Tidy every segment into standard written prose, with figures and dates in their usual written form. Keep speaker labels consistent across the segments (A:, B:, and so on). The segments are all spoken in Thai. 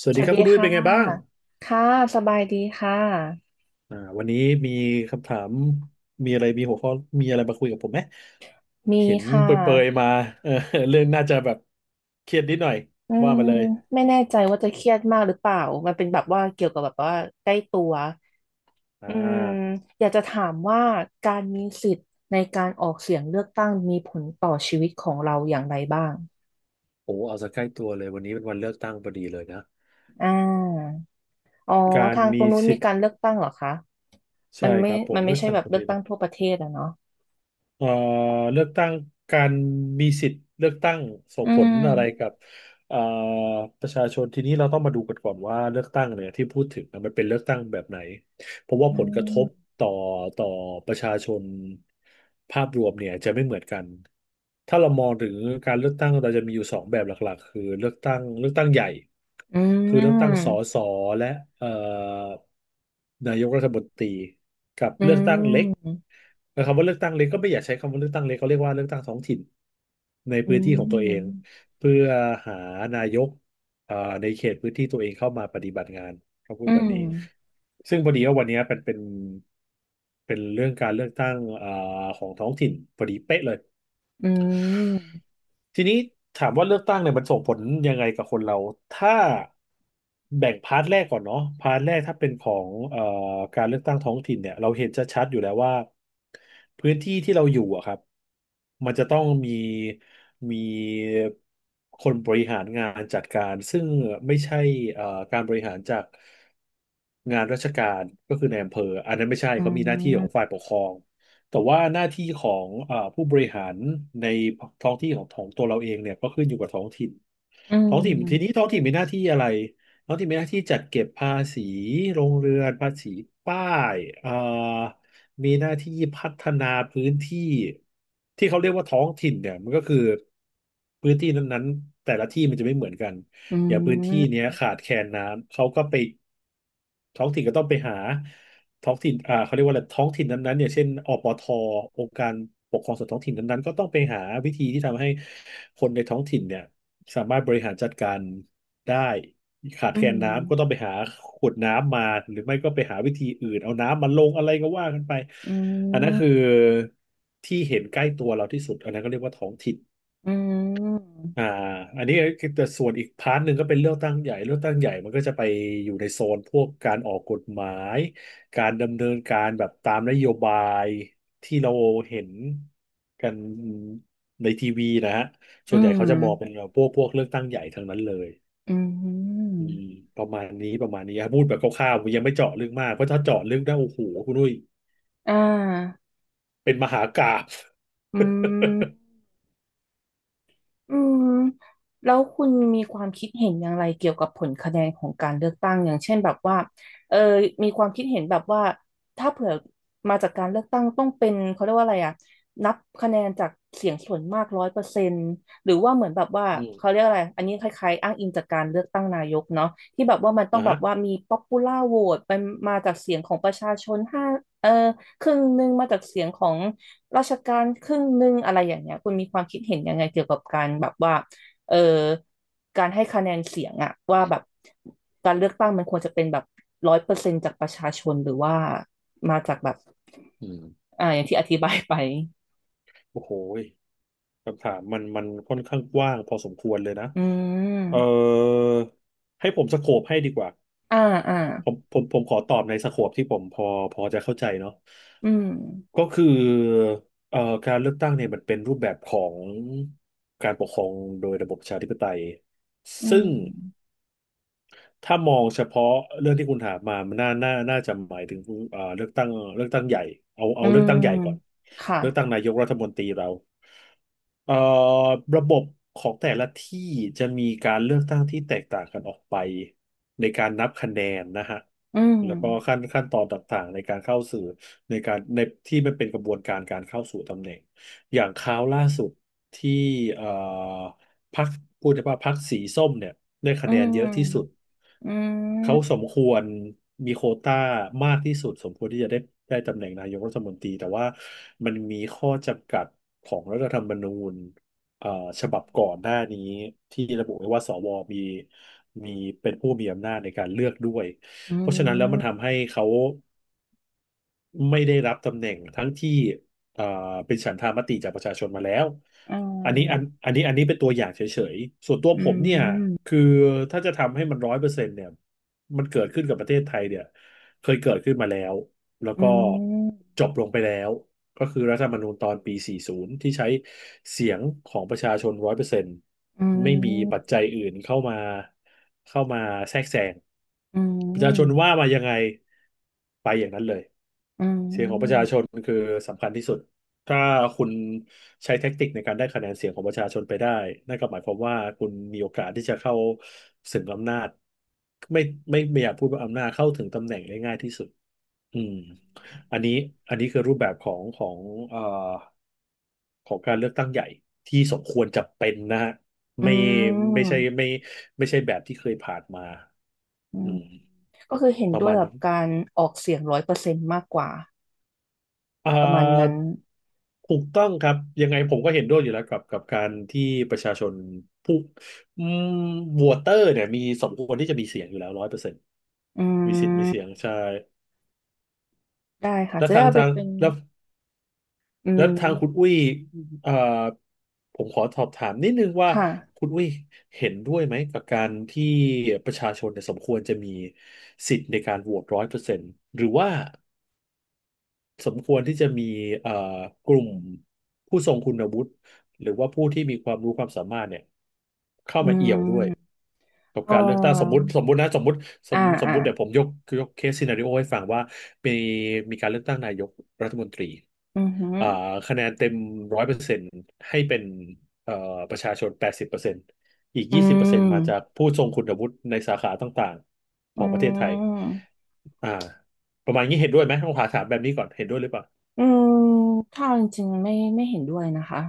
A: สวัส
B: ส
A: ดี
B: วั
A: ค
B: ส
A: รับ
B: ดี
A: คุณดุ้ย
B: ค่ะ
A: เป็นไงบ้าง
B: ค่ะสบายดีค่ะ
A: วันนี้มีคำถามมีอะไรมีหัวข้อมีอะไรมาคุยกับผมไหม
B: มี
A: เห็น
B: ค่ะ
A: เปรยๆมาเออเรื่องน่าจะแบบเครียดนิดหน่อย
B: อื
A: ว่า
B: ม
A: มาเลย
B: ไม่แน่ใจว่าจะเครียดมากหรือเปล่ามันเป็นแบบว่าเกี่ยวกับแบบว่าใกล้ตัว
A: อ่
B: อืม
A: า
B: อยากจะถามว่าการมีสิทธิ์ในการออกเสียงเลือกตั้งมีผลต่อชีวิตของเราอย่างไรบ้าง
A: โอ้เอาซะใกล้ตัวเลยวันนี้เป็นวันเลือกตั้งพอดีเลยนะ
B: อ่าอ๋อ
A: การ
B: ทางตร
A: มี
B: งนู้น
A: สิ
B: มี
A: ท
B: กา
A: ธิ์
B: รเลือกตั้งเหรอคะมั
A: ใช่
B: น
A: ค
B: ไม่
A: รับผ
B: มั
A: ม
B: น
A: เลื
B: ไม่
A: อก
B: ใช่
A: ตั้ง
B: แบบ
A: พอ
B: เลื
A: ดี
B: อกตั้
A: นะ
B: งทั่วประเทศอะเนาะ
A: เอ่อเลือกตั้งการมีสิทธิ์เลือกตั้งส่ง
B: อื
A: ผลอะไรกั
B: ม
A: บเอ่อประชาชนทีนี้เราต้องมาดูกันก่อนว่าเลือกตั้งเนี่ยที่พูดถึงนะมันเป็นเลือกตั้งแบบไหน เพราะว่า
B: อื
A: ผลกระทบ
B: ม
A: ต่อต่อประชาชนภาพรวมเนี่ยจะไม่เหมือนกันถ้าเรามองถึงการเลือกตั้งเราจะมีอยู่สองแบบหลักๆคือเลือกตั้งใหญ่
B: อื
A: คือเลือกตั้ง
B: ม
A: สและเอ่อนายกรัฐมนตรีกับ
B: อื
A: เลือกตั้งเล็ก
B: ม
A: นะครับว่าเลือกตั้งเล็กก็ไม่อยากใช้คำว่าเลือกตั้งเล็กเขาเรียกว่าเลือกตั้งท้องถิ่นใน
B: อื
A: พื้นที่ของตัวเอง
B: ม
A: เพื่อหานายกเอ่อในเขตพื้นที่ตัวเองเข้ามาปฏิบัติงาน เขาพู
B: อื
A: ดแบ
B: ม
A: บนี้ ซึ่งพอดีว่าวันเนี้ยเป็นเรื่องการเลือกตั้งของท้องถิ่นพอดีเป๊ะเลย
B: อืม
A: ทีนี้ถามว่าเลือกตั้งเนี่ยมันส่งผลยังไงกับคนเราถ้าแบ่งพาร์ทแรกก่อนเนาะพาร์ทแรกถ้าเป็นของการเลือกตั้งท้องถิ่นเนี่ยเราเห็นชัดๆอยู่แล้วว่าพื้นที่ที่เราอยู่อะครับมันจะต้องมีคนบริหารงานจัดการซึ่งไม่ใช่เอ่อการบริหารจากงานราชการก็คือในอำเภออันนั้นไม่ใช่
B: อื
A: เขามีหน้าที่ของ
B: ม
A: ฝ่ายปกครอง แต่ว่าหน้าที่ของผู้บริหารในท้องที่ของตัวเราเองเนี่ยก็ขึ้นอยู่กับท้องถิ่น
B: อื
A: ท้องถิ่นทีนี้
B: ม
A: ท้องถิ่นมีหน้าที่อะไรท้องถิ่นมีหน้าที่จัดเก็บภาษีโรงเรือนภาษีป้ายมีหน้าที่พัฒนาพื้นที่ที่เขาเรียกว่าท้องถิ่นเนี่ยมันก็คือพื้นที่นั้นๆแต่ละที่มันจะไม่เหมือนกัน
B: อื
A: อย่างพื้นที่
B: ม
A: เนี้ยขาดแคลนน้ำเขาก็ไปท้องถิ่นก็ต้องไปหา ท้องถิ่นเขาเรียกว่าอะไรท้องถิ่นนั้นๆเนี่ยเช่นอปทองค์การปกครองส่วนท้องถิ่นนั้นๆก็ต้องไปหาวิธีที่ทำให้คนในท้องถิ่นเนี่ยสามารถบริหารจัดการได้ขาด
B: อื
A: แคลนน้ำก็ต้อง
B: ม
A: ไปหาขวดน้ำมาหรือไม่ก็ไปหาวิธีอื่นเอาน้ำมาลงอะไรก็ว่ากันไป
B: อื
A: อันนั้นคือ
B: ม
A: ที่เห็นใกล้ตัวเราที่สุดอันนั้นก็เรียกว่าท้องถิ่น
B: อืม
A: อ่าอันนี้คือแต่ส่วนอีกพาร์ทหนึ่งก็เป็นเลือกตั้งใหญ่เลือกตั้งใหญ่มันก็จะไปอยู่ในโซนพวกการออกกฎหมายการดำเนินการแบบตามนโยบายที่เราเห็นกันในทีวีนะฮะ
B: อื
A: ส่วนใหญ่เขา
B: ม
A: จะมองเป็นพวกเลือกตั้งใหญ่ทั้งนั้นเลย
B: อื
A: อืม
B: ม
A: ประมาณนี้ประมาณนี้ครับพูดแบบคร่าวๆยังไม่เจาะลึกมากเพราะถ้าเจาะลึกได้โอ้โหคุณนุ้ย
B: อ่า
A: เป็นมหากาพย์
B: อืม อืมแล้วคุณมีความคิดเห็นอย่างไรเกี่ยวกับผลคะแนนของการเลือกตั้งอย่างเช่นแบบว่าเออมีความคิดเห็นแบบว่าถ้าเผื่อมาจากการเลือกตั้งต้องเป็นเขาเรียกว่าอะไรอ่ะนับคะแนนจากเสียงส่วนมากร้อยเปอร์เซ็นต์หรือว่าเหมือนแบบว่า
A: อืม
B: เขาเรียกอะไรอันนี้คล้ายๆอ้างอิงจากการเลือกตั้งนายกเนาะที่แบบว่ามันต้อ
A: อ่ะ
B: งแบ
A: ฮะ
B: บว่ามี popular vote เป็นมาจากเสียงของประชาชนห้าเออครึ่งหนึ่งมาจากเสียงของ ราชการครึ่งหนึ่งอะไรอย่างเงี้ยคุณมีความคิดเห็นยังไงเกี่ยวกับการแบบว่าเออการให้คะแนนเสียงอะว่าแบบการเลือกตั้งมันควรจะเป็นแบบร้อยเปอร์เซ็นต์จากประชาชนหรือว่ามาจากแบบ
A: อืม
B: อ่าอย่างที่อธิบายไป
A: โอ้โห คำถามมันค่อนข้างกว้างพอสมควรเลยนะ
B: อื
A: เออ
B: ม
A: ให้ผมสโคปให้ดีกว่า
B: อ่าอ่า
A: ผมขอตอบในสโคปที่ผมพอพอจะเข้าใจเนาะ
B: อืม
A: ก็คือเอ่อการเลือกตั้งเนี่ยมันเป็นรูปแบบของการปกครองโดยระบบประชาธิปไตย
B: อื
A: ซึ่ง
B: ม
A: ถ้ามองเฉพาะเรื่องที่คุณถามมามันน่าจะหมายถึงเอ่อเลือกตั้งเลือกตั้งใหญ่เอา
B: อื
A: เลือก
B: ม
A: ตั้งใหญ่ก่อน
B: ค่ะ
A: เลือกตั้งนายกรัฐมนตรีเราเอ่อระบบของแต่ละที่จะมีการเลือกตั้งที่แตกต่างกันออกไปในการนับคะแนนนะฮะ
B: อืม
A: แล้วก็ขั้นตอนต่างๆในการเข้าสู่ในการในที่มันเป็นกระบวนการการเข้าสู่ตำแหน่งอย่างคราวล่าสุดที่เอ่อ พรรคพูดได้ว่าพรรคสีส้มเนี่ยได้
B: อื
A: คะแนนเยอะที่สุด
B: มอื
A: เขาส
B: ม
A: มควรมีโควต้ามากที่สุดสมควรที่จะได้ได้ตำแหน่งนายกรัฐมนตรีแต่ว่ามันมีข้อจำกัดของรัฐธรรมนูญเอ่อฉบับก่อนหน้านี้ที่ระบุไว้ว่าสวมีมีเป็นผู้มีอำนาจในการเลือกด้วย
B: อื
A: เพราะฉะนั้นแล้วมัน
B: ม
A: ทำให้เขา ไม่ได้รับตำแหน่งทั้งที่เอ่อเป็นฉันทามติจากประชาชนมาแล้ว
B: อ่า
A: อันนี้เป็นตัวอย่างเฉยๆ ส่วนตัว
B: อื
A: ผมเนี่ย
B: ม
A: คือถ้าจะทำให้มันร้อยเปอร์เซ็นต์เนี่ยมันเกิดขึ้นกับประเทศไทยเนี่ยเคยเกิดขึ้นมาแล้วแล้ว
B: อื
A: ก็
B: ม
A: จบลงไปแล้วก็คือรัฐธรรมนูญตอนปี40ที่ใช้เสียงของประชาชนร้อยเปอร์เซ็นต์
B: อื
A: ไม่มีปัจ
B: ม
A: จัยอื่นเข้ามาแทรกแซง
B: อื
A: ประชาชน
B: ม
A: ว่ามายังไงไปอย่างนั้นเลย
B: อื
A: เสียงของประชา
B: ม
A: ชนคือสำคัญที่สุด ถ้าคุณใช้แท็กติกในการได้คะแนนเสียงของประชาชนไปได้นั่นก็หมายความว่าคุณมีโอกาสที่จะเข้าถึงอำนาจไม่ไม่อยากพูดว่าอำนาจเข้าถึงตำแหน่งได้ง่ายที่สุดอืมอันนี้อันนี้คือรูปแบบเอ่อของการเลือกตั้งใหญ่ที่สมควรจะเป็นนะฮะ
B: อื
A: ไม่ไม่ใช่ไม่
B: ม
A: ไม่ใช่แบบที่เคยผ่านมา
B: อื
A: อื
B: ม
A: ม
B: ก็คือเห็น
A: ประ
B: ด้ว
A: มา
B: ย
A: ณ
B: กับ
A: นี้
B: การออกเสียงร้อยเปอร์เซ็นต์มากกว่า
A: อ่
B: ประมาณนั้น
A: าถูกต้องครับ ยังไงผมก็เห็นด้วยอยู่แล้วกับกับการที่ประชาชนผู้อืมวอเตอร์เนี่ยมีสมควรที่จะมีเสียงอยู่แล้วร้อยเปอร์เซ็นต์
B: อื
A: มีสิทธิ์มีเสีย
B: ม
A: งใช่
B: ได้ค่ะ
A: แล้ว
B: จะได้
A: ทาง
B: เอาไป
A: ทาง
B: เป็น
A: แล้ว
B: อื
A: แล้วทางคุณ
B: ม
A: อุ้ยเอ่อผมขอสอบถามนิดนึงว่า
B: ค่ะ
A: คุณอุ้ยเห็นด้วยไหมกับการที่ประชาชนเนี่ยสมควรจะมีสิทธิ์ในการโหวตร้อยเปอร์เซ็นต์หรือว่า สมควรที่จะมีเอ่อกลุ่มผู้ทรงคุณวุฒิหรือว่าผู้ที่มีความรู้ความสามารถเนี่ยเข้า
B: อื
A: มาเอี่
B: ม
A: ยวด้วยกับ
B: เอ่
A: การเลือกตั้งสมมุ
B: อ
A: ติสมมุตินะสมมุติส
B: อ่า
A: มสม
B: อ่า
A: มุติเดี๋ยวผมยกยกเคสซีนาริโอให้ฟังว่ามีมีการเลือกตั้งนายกรัฐมนตรี
B: อือหือ
A: อ่าคะแนนเต็มร้อยเปอร์เซ็นต์ให้เป็นเอ่อประชาชน80%อีก
B: อื
A: ยี่สิบเปอร์เซ็นต์
B: ม
A: มาจากผู้ทรงคุณวุฒิในสาขาต่างๆข
B: อื
A: องประเทศไทย
B: ม
A: อ่าประมาณนี้เห็นด้วยไหมต้องถามแบบนี้ก่อนเห็นด้วยหรือเปล่า
B: อืมถ้าเอาจริงๆไม่เห็นด้วยนะคะ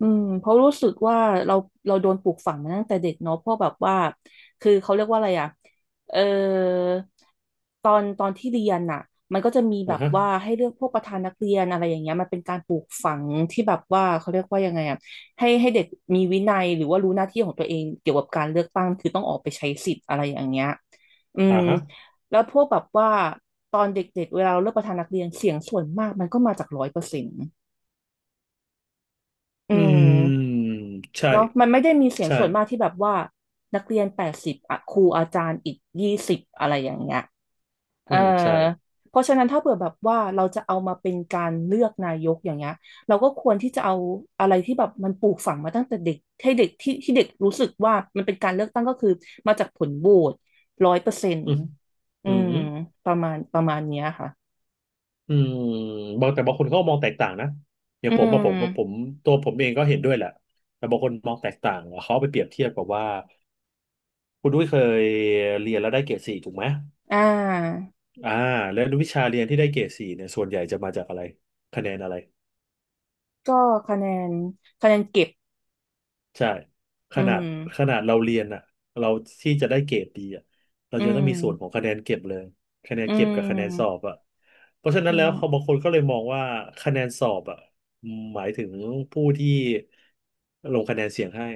B: อืมเพราะรู้สึกว่าเราเราโดนปลูกฝังมาตั้งแต่เด็กเนาะเพราะแบบว่าคือเขาเรียกว่าอะไรอ่ะเออตอนที่เรียนน่ะมันก็จะมีแบ
A: อ่า
B: บ
A: ฮะ
B: ว่าให้เลือกพวกประธานนักเรียนอะไรอย่างเงี้ยมันเป็นการปลูกฝังที่แบบว่าเขาเรียกว่ายังไงอ่ะให้เด็กมีวินัยหรือว่ารู้หน้าที่ของตัวเองเกี่ยวกับการเลือกตั้งคือต้องออกไปใช้สิทธิ์อะไรอย่างเงี้ยอื
A: อ่า
B: ม
A: ฮะ
B: แล้วพวกแบบว่าตอนเด็กๆเวลาเราเลือกประธานนักเรียนเสียงส่วนมากมันก็มาจากร้อยเปอร์เซ็นต์อื
A: อืม
B: ม
A: ใช่
B: เนาะมันไม่ได้มีเสียง
A: ใช่
B: ส่วนมากที่แบบว่านักเรียนแปดสิบอะครูอาจารย์อีกยี่สิบอะไรอย่างเงี้ยเอ
A: อื
B: อ
A: มใช่
B: เพราะฉะนั้นถ้าเผื่อแบบว่าเราจะเอามาเป็นการเลือกนายกอย่างเงี้ยเราก็ควรที่จะเอาอะไรที่แบบมันปลูกฝังมาตั้งแต่เด็กให้เด็กที่เด็กรู้สึกว่ามันเป็นการเลือกตั้งก็คือมาจากผลโหวตร้อยเปอร์เซ็น
A: อื
B: ต์
A: ม
B: อื
A: อื
B: ม
A: ม
B: ประมาณเนี้ยค่ะ
A: อืมบางแต่บางคนเขาก็มองแตกต่างนะอย่าง
B: อื
A: ผมมาผ
B: ม
A: มผมตัวผมเองก็เห็นด้วยแหละแต่บางคนมองแตกต่างเขาเอาไปเปรียบเทียบกับว่าคุณด้วยเคยเรียนแล้วได้เกรดสี่ถูกไหม
B: อ่า
A: อ่าแล้ววิชาเรียนที่ได้เกรดสี่เนี่ยส่วนใหญ่จะมาจากอะไรคะแนนอะไร
B: ก็คะแนนเก็บ
A: ใช่ข
B: อื
A: นาด
B: ม
A: เราเรียนอ่ะเราที่จะได้เกรดดีอ่ะเรา
B: อื
A: จะต้อง
B: ม
A: มีส่วนของคะแนนเก็บเลยคะแนน
B: อื
A: เก็บกับคะแนนสอ
B: ม
A: บอ่ะเพราะฉะนั้
B: อื
A: นแล้ว
B: ม
A: เขาบางคนก็เลยมองว่าคะแนนสอบอ่ะหมายถึงผู้ที่ลงคะแนนเสียงให้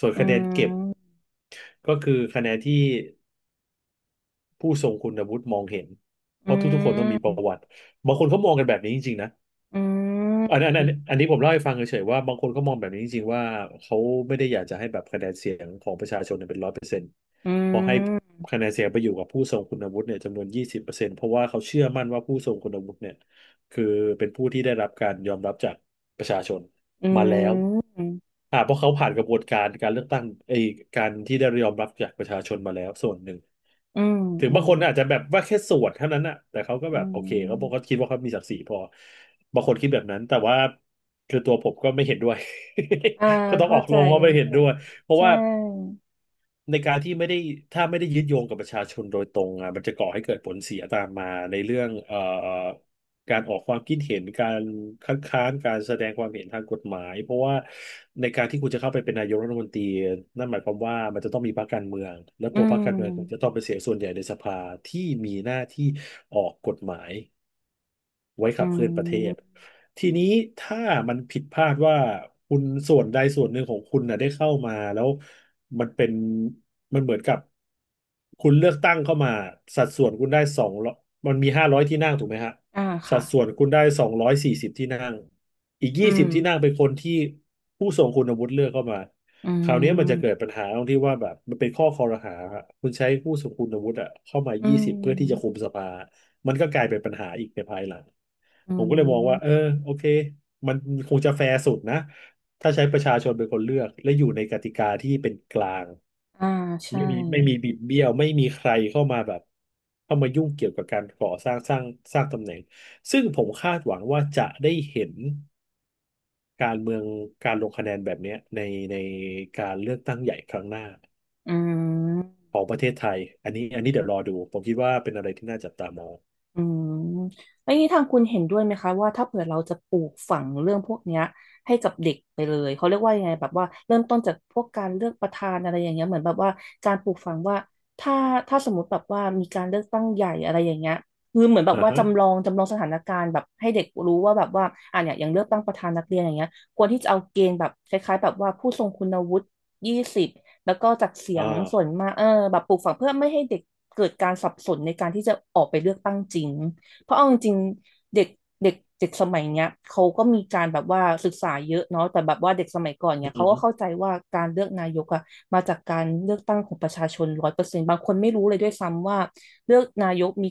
A: ส่วน
B: อื
A: คะแนนเก็บ
B: ม
A: ก็คือคะแนนที่ผู้ทรงคุณวุฒิมองเห็นเพ
B: อื
A: ราะทุกๆคนต้องมีป
B: ม
A: ระวัติบางคนเขามองกันแบบนี้จริงๆนะ
B: อื
A: อันอันอัน
B: ม
A: อันนี้ผมเล่าให้ฟังเฉยๆว่าบางคนก็มองแบบนี้จริงๆว่าเขาไม่ได้อยากจะให้แบบคะแนนเสียงของประชาชนเนี่ยเป็น
B: อื
A: เพราะให้
B: ม
A: คะแนนเสียงไปอยู่กับผู้ทรงคุณวุฒิเนี่ยจำนวนยี่สิบเปอร์เซ็นต์เพราะว่าเขาเชื่อมั่นว่าผู้ทรงคุณวุฒิเนี่ยคือเป็นผู้ที่ได้รับการยอมรับจากประชาชน
B: อื
A: มาแล้ว
B: ม
A: อ่าเพราะเขาผ่านกระบวนการการเลือกตั้งไอ้การที่ได้ยอมรับจากประชาชนมาแล้วส่วนหนึ่ง
B: อืม
A: ถึง
B: อื
A: บาง
B: ม
A: คนอาจจะแบบว่าแค่ส่วนเท่านั้นอะแต่เขาก็แบ
B: อื
A: บโอเค
B: ม
A: เขาบอกเขาคิดว่าเขามีศักดิ์ศรีพอบางคนคิดแบบนั้นแต่ว่าคือตัวผมก็ไม่เห็นด้วย
B: อ่า
A: ก็ต้องอ
B: เข้า
A: อก
B: ใจ
A: โรงว่าไม่เห็นด้วยเพราะ
B: ใช
A: ว่า
B: ่
A: ในการที่ไม่ได้ถ้าไม่ได้ยึดโยงกับประชาชนโดยตรงอ่ะมันจะก่อให้เกิดผลเสียตามมาในเรื่องการออกความคิดเห็นการคัดค้านการแสดงความเห็นทางกฎหมายเพราะว่าในการที่คุณจะเข้าไปเป็นนายกรัฐมนตรีนั่นหมายความว่ามันจะต้องมีพรรคการเมืองและ
B: อื
A: ตัวพ
B: ม
A: รรคการเมืองคุณจะต้องเป็นเสียงส่วนใหญ่ในสภาที่มีหน้าที่ออกกฎหมาย ไว้
B: อื
A: ขับเคลื่อนประเทศ
B: ม
A: ทีนี้ถ้ามันผิดพลาดว่าคุณส่วนใดส่วนหนึ่งของคุณน่ะได้เข้ามาแล้วมันเป็นมันเหมือนกับคุณเลือกตั้งเข้ามาสัดส่วนคุณได้สองร้อยมันมี500ที่นั่งถูกไหมฮะ
B: อ่า
A: สั
B: ค่ะ
A: ดส่วนคุณได้240ที่นั่งอีก
B: อื
A: ยี่สิ
B: ม
A: บที่นั่งเป็นคนที่ผู้ทรงคุณวุฒิเลือกเข้ามา
B: อื
A: คราวนี้มันจะเกิด
B: ม
A: ปัญหาตรงที่ว่าแบบมันเป็นข้อคอรหาฮะคุณใช้ผู้ทรงคุณวุฒิอะเข้ามา
B: อื
A: ยี่สิบเพื่อที่จะคุ
B: ม
A: มสภา มันก็กลายเป็นปัญหาอีกในภายหลัง
B: อื
A: ผมก็เลยมองว่า
B: ม
A: โอเคมันคงจะแฟร์สุดนะถ้าใช้ประชาชนเป็นคนเลือกและอยู่ในกติกาที่เป็นกลาง
B: อ่าใช่
A: ไม่มีบิดเบี้ยวไม่มีใครเข้ามาแบบเข้ามายุ่งเกี่ยวกับการก่อสร้างสร้างสร้างตำแหน่งซึ่งผมคาดหวังว่าจะได้เห็นการเมืองการลงคะแนนแบบเนี้ยในการเลือกตั้งใหญ่ครั้งหน้า
B: อืม
A: ของประเทศไทยอันนี้เดี๋ยวรอดูผมคิดว่าเป็นอะไรที่น่าจับตามอง
B: อืมแล้วอย่างนี้ทางคุณเห็นด้วยไหมคะว่าถ้าเผื่อเราจะปลูกฝังเรื่องพวกเนี้ยให้กับเด็กไปเลยเขาเรียกว่ายังไงแบบว่าเริ่มต้นจากพวกการเลือกประธานอะไรอย่างเงี้ยเหมือนแบบว่าการปลูกฝังว่าถ้าถ้าสมมติแบบว่ามีการเลือกตั้งใหญ่อะไรอย่างเงี้ยคือเหมือนแบบ
A: อ่า
B: ว่า
A: ฮะ
B: จำลองสถานการณ์แบบให้เด็กรู้ว่าแบบว่าอ่ะเนี่ยอย่างเลือกตั้งประธานนักเรียนอย่างเงี้ยควรที่จะเอาเกณฑ์แบบคล้ายๆแบบว่าผู้ทรงคุณวุฒิยี่สิบ แล้วก็จากเสีย
A: อ่
B: งส่วน
A: า
B: มากเออแบบปลูกฝังเพื่อไม่ให้เด็กเกิดการสับสนในการที่จะออกไปเลือกตั้งจริงเพราะเอาจริงๆเด็กเด็กเด็กสมัยเนี้ยเขาก็มีการแบบว่าศึกษาเยอะเนาะแต่แบบว่าเด็กสมัยก่อน
A: อื
B: เนี่ยเขาก็
A: ม
B: เข้าใจว่าการเลือกนายกอะมาจากการเลือกตั้งของประชาชนร้อยเปอร์เซ็นต์บางคนไม่รู้เลยด้วยซ้ำว่าเลือกนายกมี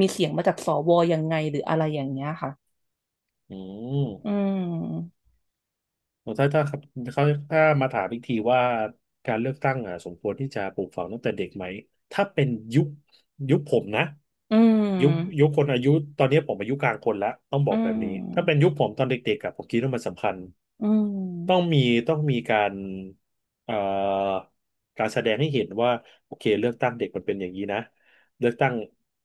B: มีเสียงมาจากสวยังไงหรืออะไรอย่างเงี้ยค่ะ
A: อืม
B: อืม
A: ถ้าครับเขาถ้ามาถามอีกทีว่าการเลือกตั้งอ่ะสมควรที่จะปลูกฝังตั้งแต่เด็กไหมถ้าเป็นยุคยุคผมนะ
B: อื
A: ยุคยุ
B: ม
A: คคนอายุตอนนี้ผมอายุกลางคนแล้วต้องบ
B: อื
A: อกแบบนี้ถ้าเป็น
B: ม
A: ยุคผมตอนเด็กๆอะผมคิดว่ามันสำคัญ
B: อื
A: ต้อง
B: ม
A: มีต้องมีเอ่อการแสดงให้เห็นว่าโอเคเลือกตั้งเด็กมันเป็นอย่างนี้นะเลือกตั้ง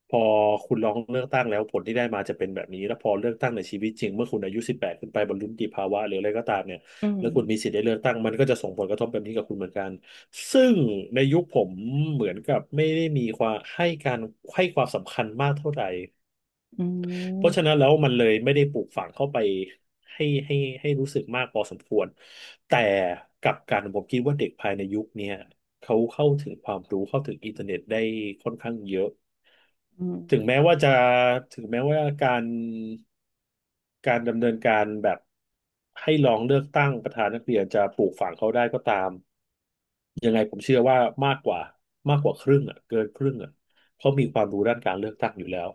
A: พอคุณลองเลือกตั้งแล้วผลที่ได้มาจะเป็นแบบนี้แล้วพอเลือกตั้งในชีวิตจริงเมื่อคุณอายุ18ขึ้นไปบรรลุนิติภาวะหรืออะไรก็ตามเนี่ย
B: อืม
A: แล้วคุณมีสิทธิ์ได้เลือกตั้งมันก็จะส่งผลกระทบแบบนี้กับคุณเหมือนกัน ซึ่งในยุคผมเหมือนกับไม่ได้มีความให้การให้ความสำคัญมากเท่าไหร่
B: อื
A: เพราะ
B: ม
A: ฉะนั้นแล้วมันเลยไม่ได้ปลูกฝังเข้าไปให้ให้ให้รู้สึกมากพอสมควรแต่กลับกันผมคิดว่าเด็กภายในยุคเนี้ยเขาเข้าถึงความรู้เข้าถึงอินเทอร์เน็ตได้ค่อนข้างเยอะ
B: อืม
A: ถึงแม้ว่าจะถึงแม้ว่าการดำเนินการแบบให้ลองเลือกตั้งประธานนักเรียนจะปลูกฝังเขาได้ก็ตามยังไงผมเชื่อว่ามากกว่ามากกว่าครึ่งอ่ะเกินครึ่งอ่ะเขามีความรู้ด้านการเลือกตั้งอยู่แล้ว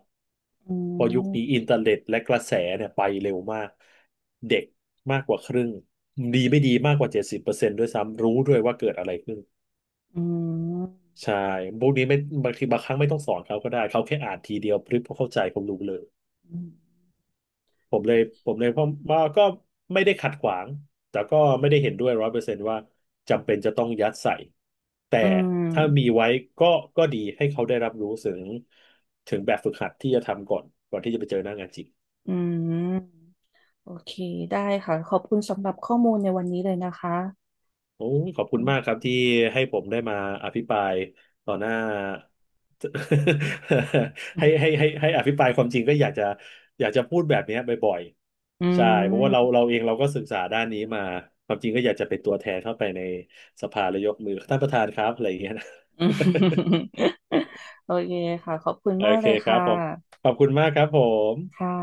B: อื
A: พอยุคนี้
B: ม
A: อินเทอร์เน็ตและกระแสเนี่ยไปเร็วมากเด็กมากกว่าครึ่งดีไม่ดีมากกว่า70%ด้วยซ้ำรู้ด้วยว่าเกิดอะไรขึ้น
B: อืม
A: ใช่พวกนี้ไม่บางทีบางครั้งไม่ต้องสอนเขาก็ได้เขาแค่อ่านทีเดียวพริบเขาเข้าใจเขารู้เลยผมเลยผมเลยเพราะว่าก็ไม่ได้ขัดขวางแต่ก็ไม่ได้เห็นด้วย100%ว่าจำเป็นจะต้องยัดใส่แต่
B: อืม
A: ถ้ามีไว้ก็ก็ดีให้เขาได้รับรู้ถึงแบบฝึกหัดที่จะทำก่อนก่อนที่จะไปเจอหน้างานจริง
B: อืม โอเค ได้ค่ะ ขอบคุณสำหรับข้อมูลในวันนี้เลยนะคะ
A: โอ้ขอบ
B: อื
A: คุณ
B: ม
A: มากครับที่ให้ผมได้มาอภิปรายต่อหน้า ให้ให้ให้ ให้อภิปรายความจริงก็อยากจะพูดแบบเนี้ยบ่อย
B: อื
A: ๆใช่เพราะว่าเรา
B: ม
A: เราเองเราก็ศึกษาด้านนี้มาความจริงก็อยากจะเป็นตัวแทนเข้าไปในสภาแล้วยกมือท่านประธานครับอะไรอย่างเงี้ยนะ
B: อืมโอเคค่ะขอบคุณ
A: โอ
B: มาก
A: เค
B: เลย
A: ครั
B: ค่ะ
A: บผมขอบคุณมากครับผม
B: ค่ะ